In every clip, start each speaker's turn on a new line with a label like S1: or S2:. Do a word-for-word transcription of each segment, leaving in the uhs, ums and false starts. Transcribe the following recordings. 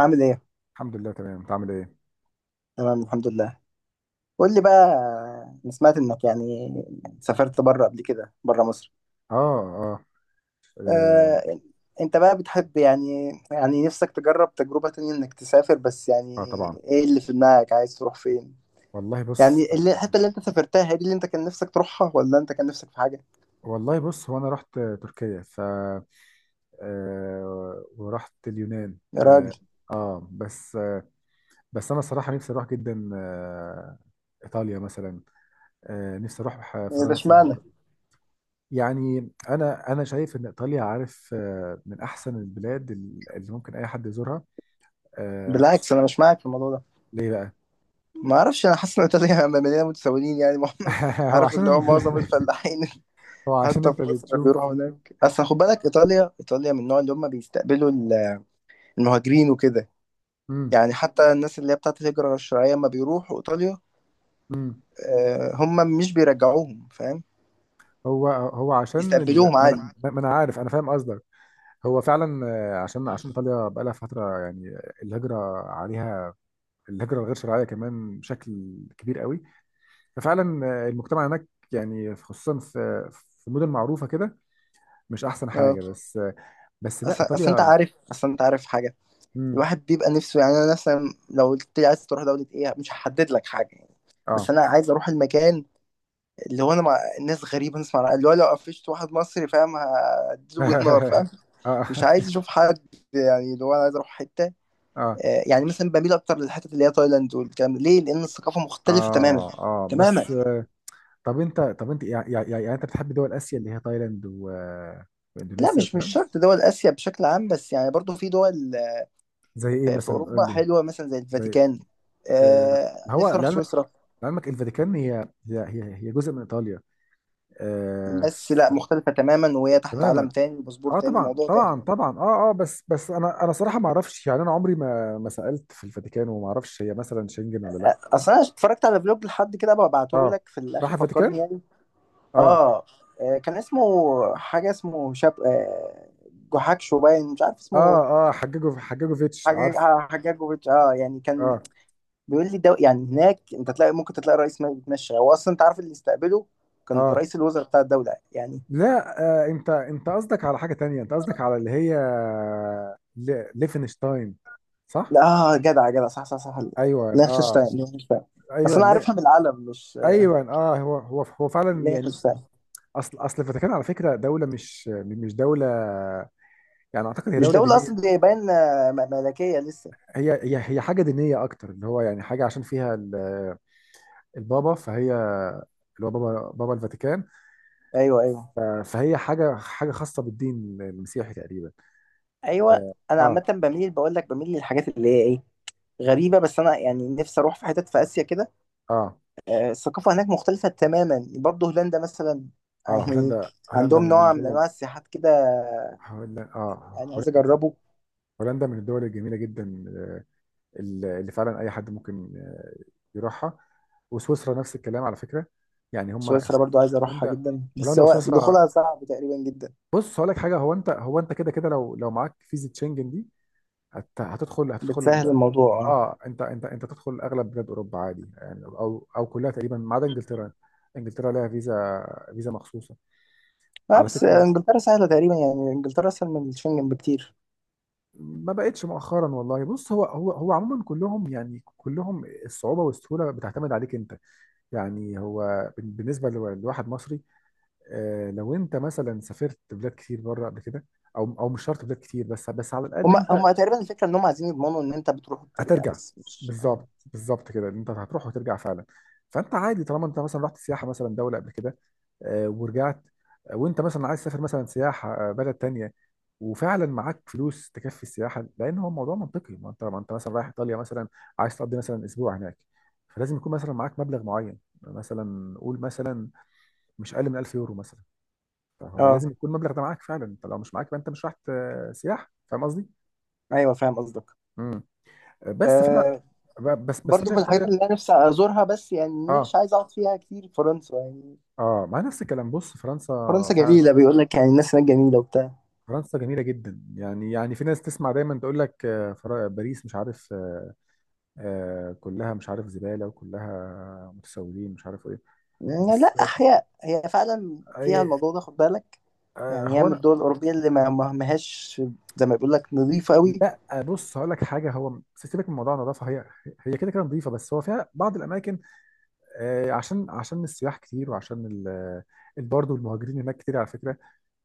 S1: عامل ايه؟
S2: الحمد لله، تمام. انت عامل ايه؟
S1: تمام، الحمد لله. قول لي بقى. انا سمعت انك يعني سافرت بره قبل كده، بره مصر.
S2: اه، اه، اه,
S1: آه، انت بقى بتحب يعني يعني نفسك تجرب تجربة تانية انك تسافر بس
S2: آه
S1: يعني.
S2: طبعا.
S1: ايه اللي في دماغك؟ عايز تروح فين؟
S2: والله بص.
S1: يعني اللي- الحتة اللي انت سافرتها هي دي اللي انت كان نفسك تروحها، ولا انت كان نفسك في حاجة؟
S2: والله بص هو انا رحت تركيا ف آه ورحت اليونان،
S1: يا
S2: اه,
S1: راجل.
S2: آه بس آه، بس انا صراحة نفسي اروح جدا آه ايطاليا مثلا، آه نفسي اروح
S1: إيه ده،
S2: فرنسا.
S1: اشمعنى؟
S2: يعني انا انا شايف ان ايطاليا، عارف، آه من احسن البلاد اللي ممكن اي حد يزورها، آه
S1: بالعكس،
S2: خصوصا.
S1: انا مش معاك في الموضوع ده.
S2: ليه بقى؟
S1: ما اعرفش، انا حاسس ان ايطاليا مليانة متسولين يعني
S2: هو
S1: عارف اللي هو
S2: عشان
S1: معظم الفلاحين
S2: هو عشان
S1: حتى
S2: انت
S1: في مصر
S2: بتشوف.
S1: بيروحوا هناك. اصل خد بالك، ايطاليا ايطاليا من النوع اللي هم بيستقبلوا ال- المهاجرين وكده.
S2: مم.
S1: يعني حتى الناس اللي هي بتاعت الهجرة غير الشرعية، لما بيروحوا ايطاليا،
S2: مم.
S1: آه، هم مش بيرجعوهم، فاهم.
S2: هو هو عشان ال...
S1: بيستقبلوهم
S2: ما غصب انا
S1: عادي.
S2: عنه، ما انا عارف، انا فاهم قصدك. هو فعلا آه، عشان عشان ايطاليا بقالها فتره يعني الهجره عليها، الهجره الغير شرعيه كمان بشكل كبير قوي. ففعلا آه، المجتمع هناك يعني خصوصا في في مدن معروفه كده مش احسن
S1: اه.
S2: حاجه بس آه. بس لا، بس
S1: اصل اصل
S2: ايطاليا
S1: انت
S2: بس
S1: عارف،
S2: لا.
S1: اصل انت عارف حاجة.
S2: امم
S1: الواحد بيبقى نفسه، يعني انا مثلا لو قلت لي عايز تروح دولة ايه، مش هحدد لك حاجة يعني.
S2: اه.
S1: بس انا عايز اروح المكان اللي هو انا مع ناس غريبة، نسمع رأي- اللي هو لو قفشت واحد مصري فاهم هديله بالنار، فاهم.
S2: اه، اه،
S1: مش عايز اشوف حد. يعني اللي هو انا عايز اروح حتة،
S2: اه،
S1: آه، يعني مثلا بميل اكتر للحتت اللي هي تايلاند والكلام ده. ليه؟ لان الثقافه مختلفه تماما،
S2: اه، اه، بس بس
S1: تماما.
S2: آه، طب انت، طب انت يعني, يعني يعني انت بتحب دول اسيا اللي هي تايلاند و...
S1: لا،
S2: واندونيسيا
S1: مش مش
S2: والكلام؟
S1: شرط دول اسيا بشكل عام، بس يعني برضو في دول آه،
S2: زي ايه
S1: في في
S2: مثلا،
S1: اوروبا
S2: قول لي؟
S1: حلوه، مثلا زي
S2: زي
S1: الفاتيكان.
S2: آه،
S1: آه
S2: هو
S1: نفسي اروح
S2: لعلمك،
S1: سويسرا.
S2: لعلمك الفاتيكان هي هي هي هي جزء من ايطاليا آه،
S1: بس
S2: ف-
S1: لا، مختلفه تماما، وهي تحت عالم
S2: تماما.
S1: تاني، باسبور
S2: اه
S1: تاني،
S2: طبعا
S1: موضوع
S2: طبعا
S1: تاني.
S2: طبعا اه اه، بس بس انا انا صراحه ما اعرفش يعني، انا عمري ما ما سالت في الفاتيكان وما اعرفش هي مثلا شنجن ولا لا.
S1: اصل انا اتفرجت على فلوج لحد كده، ببعته
S2: اه.
S1: لك في
S2: راح
S1: الاخر، فكرني
S2: الفاتيكان.
S1: يعني.
S2: اه،
S1: اه. آه، كان اسمه حاجه، اسمه شاب، آه، جوحكشو، باين مش عارف اسمه.
S2: اه. اه حججوا حججوا فيتش،
S1: حاجة
S2: عارف.
S1: حاجة جوفيتش. اه، يعني كان
S2: اه،
S1: بيقول لي ده يعني هناك انت تلاقي، ممكن تلاقي رئيس ما بيتمشى، هو اصلا انت عارف اللي استقبله كان
S2: اه،
S1: رئيس الوزراء بتاع الدوله يعني.
S2: لا. آه، انت انت قصدك على حاجه تانية، انت قصدك على اللي هي ل- ليفنشتاين، صح؟
S1: لا، آه، جدع جدع، صح صح صح.
S2: ايوه، اه.
S1: لينخشتاين لينخشتاين. بس
S2: ايوه،
S1: انا عارفها من العلم، مش
S2: ايوه، اه. هو هو هو فعلا يعني.
S1: لينخشتاين.
S2: اصل اصل الفاتيكان على فكره دوله، مش مش دوله يعني، اعتقد هي
S1: مش
S2: دوله
S1: دوله اصلا،
S2: دينيه.
S1: دي باين آه، م- ملكيه لسه.
S2: هي هي هي حاجه دينيه اكتر، اللي هو يعني حاجه عشان فيها ال- البابا، فهي اللي هو بابا بابا الفاتيكان.
S1: ايوه ايوه
S2: ف- فهي حاجه حاجه خاصه بالدين المسيحي تقريبا.
S1: ايوه. انا عامه
S2: اه،
S1: بميل، بقول لك بميل للحاجات اللي هي ايه، غريبه. بس انا يعني نفسي اروح في حتت في اسيا كده،
S2: اه،
S1: آه، الثقافه هناك مختلفه تماما. برضه هولندا مثلا،
S2: اه، آه،
S1: يعني
S2: هولندا هولندا
S1: عندهم
S2: من
S1: نوع من
S2: الدول.
S1: انواع السياحات كده،
S2: هولندا، اه،
S1: يعني عايز اجربه.
S2: هولندا من الدول الجميله جدا اللي فعلا اي حد ممكن آه، يروحها. وسويسرا نفس الكلام على فكره، يعني هم.
S1: سويسرا برضو عايز اروحها
S2: هولندا
S1: جدا، بس
S2: هولندا
S1: هو
S2: وسويسرا.
S1: دخولها صعب تقريبا جدا.
S2: بص هقول لك حاجه، هو انت هو انت كده كده، لو لو معاك فيزا شنجن دي هت- هتدخل
S1: بتسهل
S2: هتدخل
S1: الموضوع، اه.
S2: اه، انت انت انت تدخل اغلب بلاد اوروبا عادي يعني، او او كلها تقريبا ما عدا انجلترا. انجلترا لها فيزا فيزا مخصوصه
S1: آه،
S2: على
S1: بس
S2: فكره،
S1: انجلترا سهله تقريبا، يعني انجلترا اسهل من الشنجن بكتير.
S2: ما بقتش مؤخرا. والله بص، هو هو هو عموما كلهم، يعني كلهم الصعوبة والسهولة بتعتمد عليك انت. يعني هو بن- بالنسبة لو- لواحد مصري آه، لو انت مثلا سافرت بلاد كتير بره قبل كده، او او مش شرط بلاد كتير، بس بس على الاقل
S1: هما
S2: انت
S1: هما تقريبا الفكره ان هما عايزين يضمنوا ان انت بتروح وبترجع،
S2: هترجع.
S1: بس مش. اه.
S2: بالظبط بالظبط كده، انت هتروح وترجع فعلا. فانت عادي طالما انت مثلا رحت سياحه مثلا دوله قبل كده آه، ورجعت آه، وانت مثلا عايز تسافر مثلا سياحه آه، بلد تانية، وفعلا معاك فلوس تكفي السياحه، لان هو الموضوع منطقي. ما انت ما انت مثلا رايح ايطاليا مثلا، عايز تقضي مثلا اسبوع هناك، فلازم يكون مثلا معاك مبلغ معين، مثلا قول مثلا مش اقل من 1000 يورو مثلا. فهو
S1: اه،
S2: لازم يكون المبلغ ده معاك فعلا، انت لو مش معاك يبقى انت مش رايح آه، سياحه. فاهم قصدي؟
S1: ايوه، فاهم قصدك.
S2: امم بس فانا
S1: آه،
S2: ب- بس بس انا
S1: برضو من
S2: شايف
S1: الحاجات
S2: ايطاليا.
S1: اللي انا نفسي ازورها، بس يعني
S2: اه،
S1: مش عايز اقعد فيها كتير. فرنسا يعني،
S2: اه، مع نفس الكلام. بص فرنسا،
S1: فرنسا
S2: فعلا
S1: جميله، بيقول لك يعني الناس هناك جميله وبتاع.
S2: فرنسا جميله جدا. يعني يعني في ناس تسمع دايما تقول لك آه، فرا- باريس مش عارف آه، آه، كلها مش عارف زباله وكلها متسولين مش عارف ايه،
S1: يعني لا،
S2: بس آه.
S1: احياء هي فعلا فيها
S2: أي
S1: الموضوع ده، خد بالك.
S2: آه،
S1: يعني هي
S2: هو
S1: من
S2: انا،
S1: الدول الأوروبية اللي ما ما- ماهاش زي ما بيقول لك نظيفة قوي.
S2: لا آه، بص هقول لك حاجه، هو سيبك من موضوع النظافه. هي هي كده كده نظيفه، بس هو فيها بعض الاماكن آه، عشان عشان السياح كتير، وعشان ال برضه المهاجرين هناك كتير على فكره،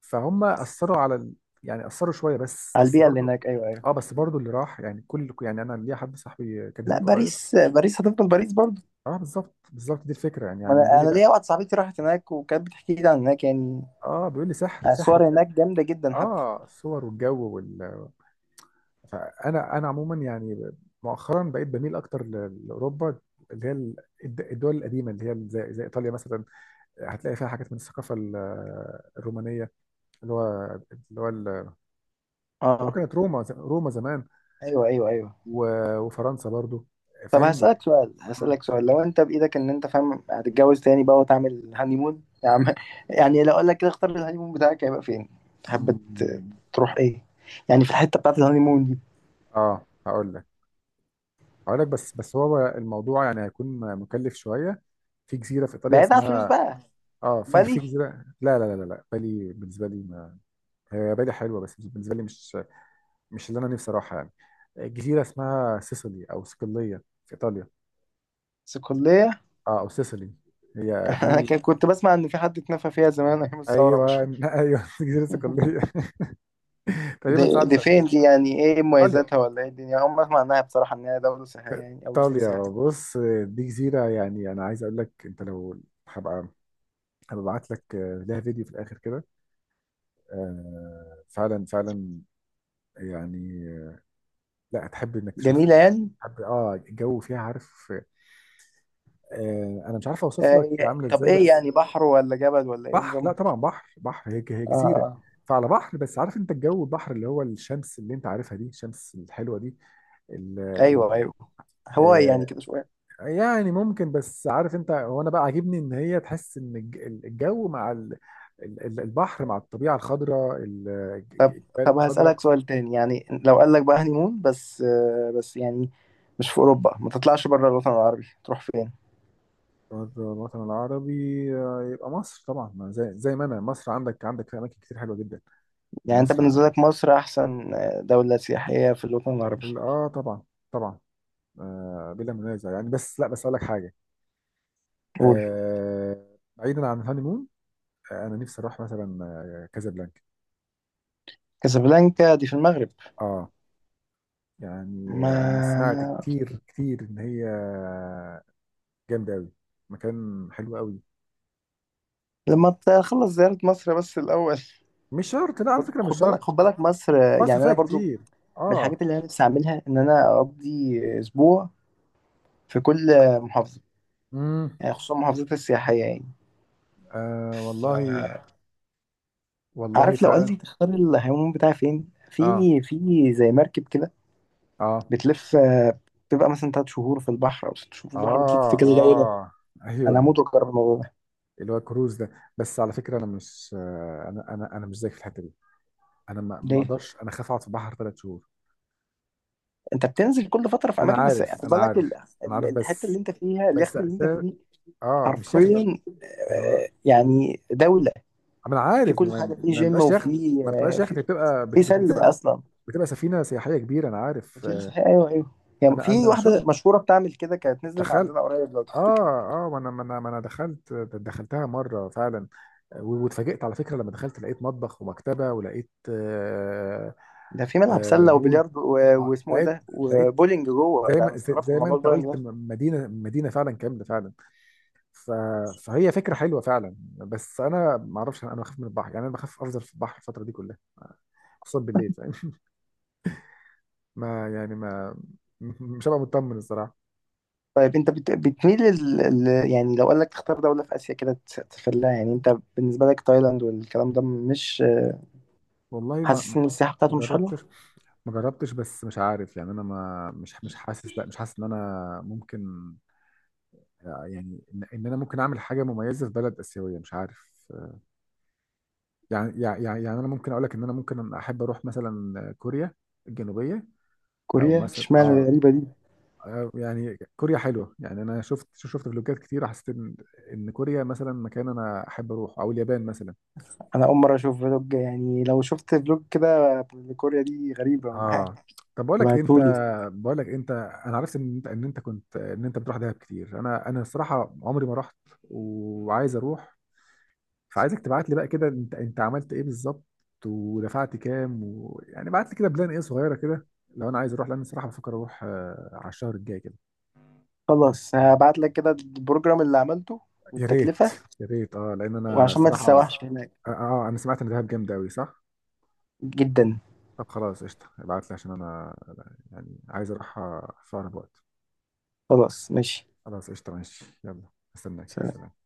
S2: فهم اثروا على ال- يعني اثروا شويه بس،
S1: على
S2: بس
S1: البيئة اللي
S2: برضه.
S1: هناك، أيوه أيوه.
S2: اه، بس برضو اللي راح يعني، كل يعني انا ليا حد صاحبي كان
S1: لا،
S2: هناك قريب.
S1: باريس، باريس هتفضل باريس برضه.
S2: اه، بالظبط بالظبط دي الفكره يعني،
S1: ما
S2: يعني بيقول
S1: أنا
S2: لي
S1: أنا
S2: لا.
S1: ليا واحدة صاحبتي راحت هناك وكانت بتحكي لي عن هناك يعني.
S2: اه، بيقول لي سحر سحر
S1: الصور
S2: بجد.
S1: هناك جامدة جدا حتى.
S2: اه، الصور والجو وال، فانا انا عموما يعني مؤخرا بقيت بميل اكتر ل- لاوروبا اللي هي ال- الد- الدول القديمه، اللي هي زي زي ايطاليا مثلا، هتلاقي فيها حاجات من الثقافه ال- الرومانيه، اللي هو اللي هو ال- اللي هو
S1: أه،
S2: كانت روما ز- روما زمان.
S1: أيوه أيوه أيوه.
S2: و- وفرنسا برضو،
S1: طب
S2: فاهم.
S1: هسألك سؤال
S2: مم.
S1: هسألك سؤال، لو أنت بإيدك، إن أنت فاهم، هتتجوز تاني بقى وتعمل هانيمون يا عم يعني لو أقول لك كده اختار الهانيمون بتاعك، هيبقى فين؟ تحب ت-
S2: مم.
S1: تروح إيه؟ يعني في الحتة بتاعت الهانيمون دي.
S2: اه هقول لك، اقول لك، بس بس هو الموضوع يعني هيكون مكلف شويه. في جزيره في ايطاليا
S1: بعيد عن الفلوس
S2: اسمها،
S1: بقى.
S2: اه في في
S1: بالي،
S2: جزيره، لا، لا، لا، لا، لا، بالي، بالنسبه لي ما هي بالي حلوه، بس بالنسبه لي مش مش اللي انا نفسي اروحها يعني. جزيره اسمها سيسيلي او صقليه في ايطاليا.
S1: بس كلية.
S2: اه، او سيسيلي، هي
S1: انا
S2: دي.
S1: كان- كنت بسمع ان في حد اتنفى فيها زمان ايام الثوره،
S2: ايوه
S1: مش؟
S2: ايوه جزيره صقليه. تقريبا
S1: دي,
S2: ساعه
S1: دي فين
S2: زيتون.
S1: دي؟ يعني ايه
S2: ايطاليا
S1: مميزاتها ولا ايه الدنيا؟ اول ما اسمع عنها بصراحه انها دوله سياحيه يعني، او جزيره
S2: ايطاليا
S1: سياحيه.
S2: بص، دي جزيره يعني، انا عايز اقول لك انت لو، هبقى هبعت لك لها فيديو في الاخر كده، آه فعلا فعلا يعني، لا هتحب انك تشوفها.
S1: جميله يعني؟
S2: هتحب، اه. الجو فيها عارف، آه انا مش عارف اوصف لك
S1: آه.
S2: هي عامله
S1: طب
S2: ازاي
S1: ايه
S2: بس.
S1: يعني، بحر ولا جبل ولا ايه
S2: بحر،
S1: نظام؟
S2: لا طبعا بحر بحر، هي هي
S1: آه
S2: جزيره.
S1: آه.
S2: فعلى بحر، بس عارف انت الجو، البحر اللي هو الشمس اللي انت عارفها دي، الشمس الحلوه دي، ال- و-
S1: ايوه ايوه. هو يعني
S2: آه
S1: كده شويه.
S2: يعني ممكن، بس عارف انت، هو انا بقى عاجبني ان هي تحس ان الج- الجو مع ال- ال- البحر مع الطبيعه الخضراء، ال-
S1: طب
S2: الجبال
S1: طب
S2: الخضراء.
S1: هسألك سؤال تاني، يعني لو قال لك بقى هنيمون بس آه بس يعني مش في اوروبا، ما تطلعش بره الوطن العربي، تروح فين؟
S2: الوطن العربي آه، يبقى مصر طبعا، ما زي زي ما انا، مصر عندك عندك في اماكن كتير حلوه جدا.
S1: يعني انت
S2: مصر
S1: بالنسبه
S2: ع-
S1: لك مصر احسن آه، دوله سياحيه في الوطن العربي؟
S2: اه طبعا طبعا. آه بلا منازع يعني. بس لا، بس اقول لك حاجه،
S1: قول.
S2: آه بعيدا عن الهانيمون، آه انا نفسي اروح مثلا آه، كازابلانكا.
S1: كازابلانكا دي في المغرب.
S2: اه، يعني
S1: ما
S2: انا سمعت كتير كتير ان هي جامده قوي، مكان حلو قوي.
S1: لما تخلص زيارة مصر بس الأول.
S2: مش شرط، لا على
S1: خد
S2: فكره،
S1: خد
S2: مش
S1: بالك
S2: شرط.
S1: خد بالك مصر.
S2: مصر
S1: يعني
S2: فيها
S1: أنا برضو من
S2: كتير. اه.
S1: الحاجات اللي أنا نفسي أعملها إن أنا أقضي أسبوع في كل محافظة،
S2: امم
S1: يعني خصوصا المحافظات السياحية يعني.
S2: آه
S1: ف-
S2: والله، والله
S1: عارف، لو قال
S2: فعلا.
S1: لي تختار الهيموم بتاعي فين؟
S2: اه،
S1: في في زي مركب كده،
S2: اه،
S1: بتلف، بتبقى مثلا تلات شهور في البحر أو ست شهور في
S2: اه،
S1: البحر، بتلف في كذا دولة.
S2: اه،
S1: أنا
S2: ايوه.
S1: هموت وأجرب الموضوع ده.
S2: اللي هو كروز ده. بس على فكره، انا مش آه، انا انا انا مش زيك في الحته دي. انا ما ما
S1: ليه؟
S2: اقدرش، انا خاف اقعد في البحر ثلاث شهور.
S1: انت بتنزل كل فتره في
S2: انا
S1: اماكن، بس
S2: عارف
S1: خد
S2: انا
S1: بالك ال-
S2: عارف انا
S1: ال-
S2: عارف
S1: الحته اللي
S2: بس،
S1: انت فيها،
S2: بس
S1: اليخت اللي انت
S2: اساس،
S1: فيه
S2: اه مش يخت بقى.
S1: حرفيا
S2: ما هو،
S1: آه، يعني دوله.
S2: ما انا
S1: في
S2: عارف،
S1: كل
S2: ما
S1: حاجه، في
S2: ما
S1: جيم،
S2: بيبقاش يخت.
S1: وفي
S2: ما
S1: آه،
S2: بتبقاش يخت،
S1: في
S2: بتبقى بت-
S1: في
S2: بت-
S1: سله
S2: بتبقى
S1: اصلا،
S2: بتبقى سفينه سياحيه كبيره، انا عارف
S1: في
S2: آه.
S1: صحيح، ايوه ايوه. يعني
S2: انا
S1: في
S2: انا شفت،
S1: واحده مشهوره بتعمل كده كانت نزلت
S2: تخيل.
S1: عندنا قريب لو تفتكر،
S2: اه، اه، ما انا ما انا ما انا دخلت، دخلتها مره فعلا، و- واتفاجئت على فكره، لما دخلت لقيت مطبخ ومكتبه ولقيت آه.
S1: ده في ملعب
S2: آه
S1: سله
S2: بول،
S1: وبلياردو و-
S2: آه
S1: واسمه ايه
S2: لقيت
S1: ده،
S2: لقيت
S1: وبولينج جوه
S2: زي
S1: ده. انا
S2: ما زي
S1: استغربت
S2: زي
S1: من
S2: ما
S1: موضوع
S2: انت
S1: البولينج
S2: قلت
S1: ده.
S2: م- مدينه مدينه فعلا كامله فعلا. ف فهي فكره حلوه فعلا، بس انا ما اعرفش، انا بخاف من البحر يعني، انا بخاف افضل في البحر الفتره دي كلها خصوصا بالليل، فاهم؟ ما يعني ما، مش هبقى مطمن الصراحه.
S1: طيب انت بت... بتميل ال... ال... يعني لو قال لك تختار دوله في اسيا كده، تس- تفلها يعني، انت بالنسبه لك تايلاند والكلام ده، مش
S2: والله، ما
S1: حاسس ان السياحه
S2: ما
S1: بتاعته مش حلوه؟
S2: جربتش ما جربتش، بس مش عارف يعني، انا ما مش مش حاسس، لا مش حاسس ان انا ممكن يعني، ان إن انا ممكن اعمل حاجه مميزه في بلد اسيويه، مش عارف. يعني يعني يعني يعني انا ممكن اقول لك ان انا ممكن احب اروح مثلا كوريا الجنوبيه، او
S1: كوريا،
S2: مثلا، مم،
S1: اشمعنى
S2: اه، اشمعنى؟
S1: الغريبه دي؟
S2: آه، يعني كوريا حلوه يعني، انا شفت شفت فلوجات كتير، حسيت ان ان كوريا مثلا مكان انا احب اروح، او اليابان مثلا.
S1: انا اول مره اشوف فلوج، يعني لو شفت فلوج كده لكوريا دي غريبه
S2: اه. طب بقول لك إيه، انت
S1: ابعتهولي.
S2: بقول لك إيه، انت انا عرفت ان انت ان انت كنت، ان انت بتروح دهب كتير. انا، انا الصراحه عمري ما رحت وعايز اروح. فعايزك تبعت لي بقى كده، انت انت عملت ايه بالظبط ودفعت كام و... يعني بعت لي كده بلان ايه صغيره كده لو انا عايز اروح، لان الصراحه بفكر اروح آه، على الشهر الجاي كده.
S1: خلاص هبعت لك كده البروجرام اللي عملته
S2: يا ريت
S1: والتكلفه،
S2: يا ريت اه، لان انا
S1: وعشان ما
S2: صراحه،
S1: تتسوحش هناك.
S2: اه آه، انا سمعت ان دهب جامد قوي صح.
S1: جدا.
S2: طب خلاص قشطه، ابعت لي عشان انا يعني عايز اروح آه، في اقرب وقت.
S1: خلاص ماشي.
S2: خلاص قشطة، ماشي. يلا، استناك،
S1: سلام.
S2: سلام.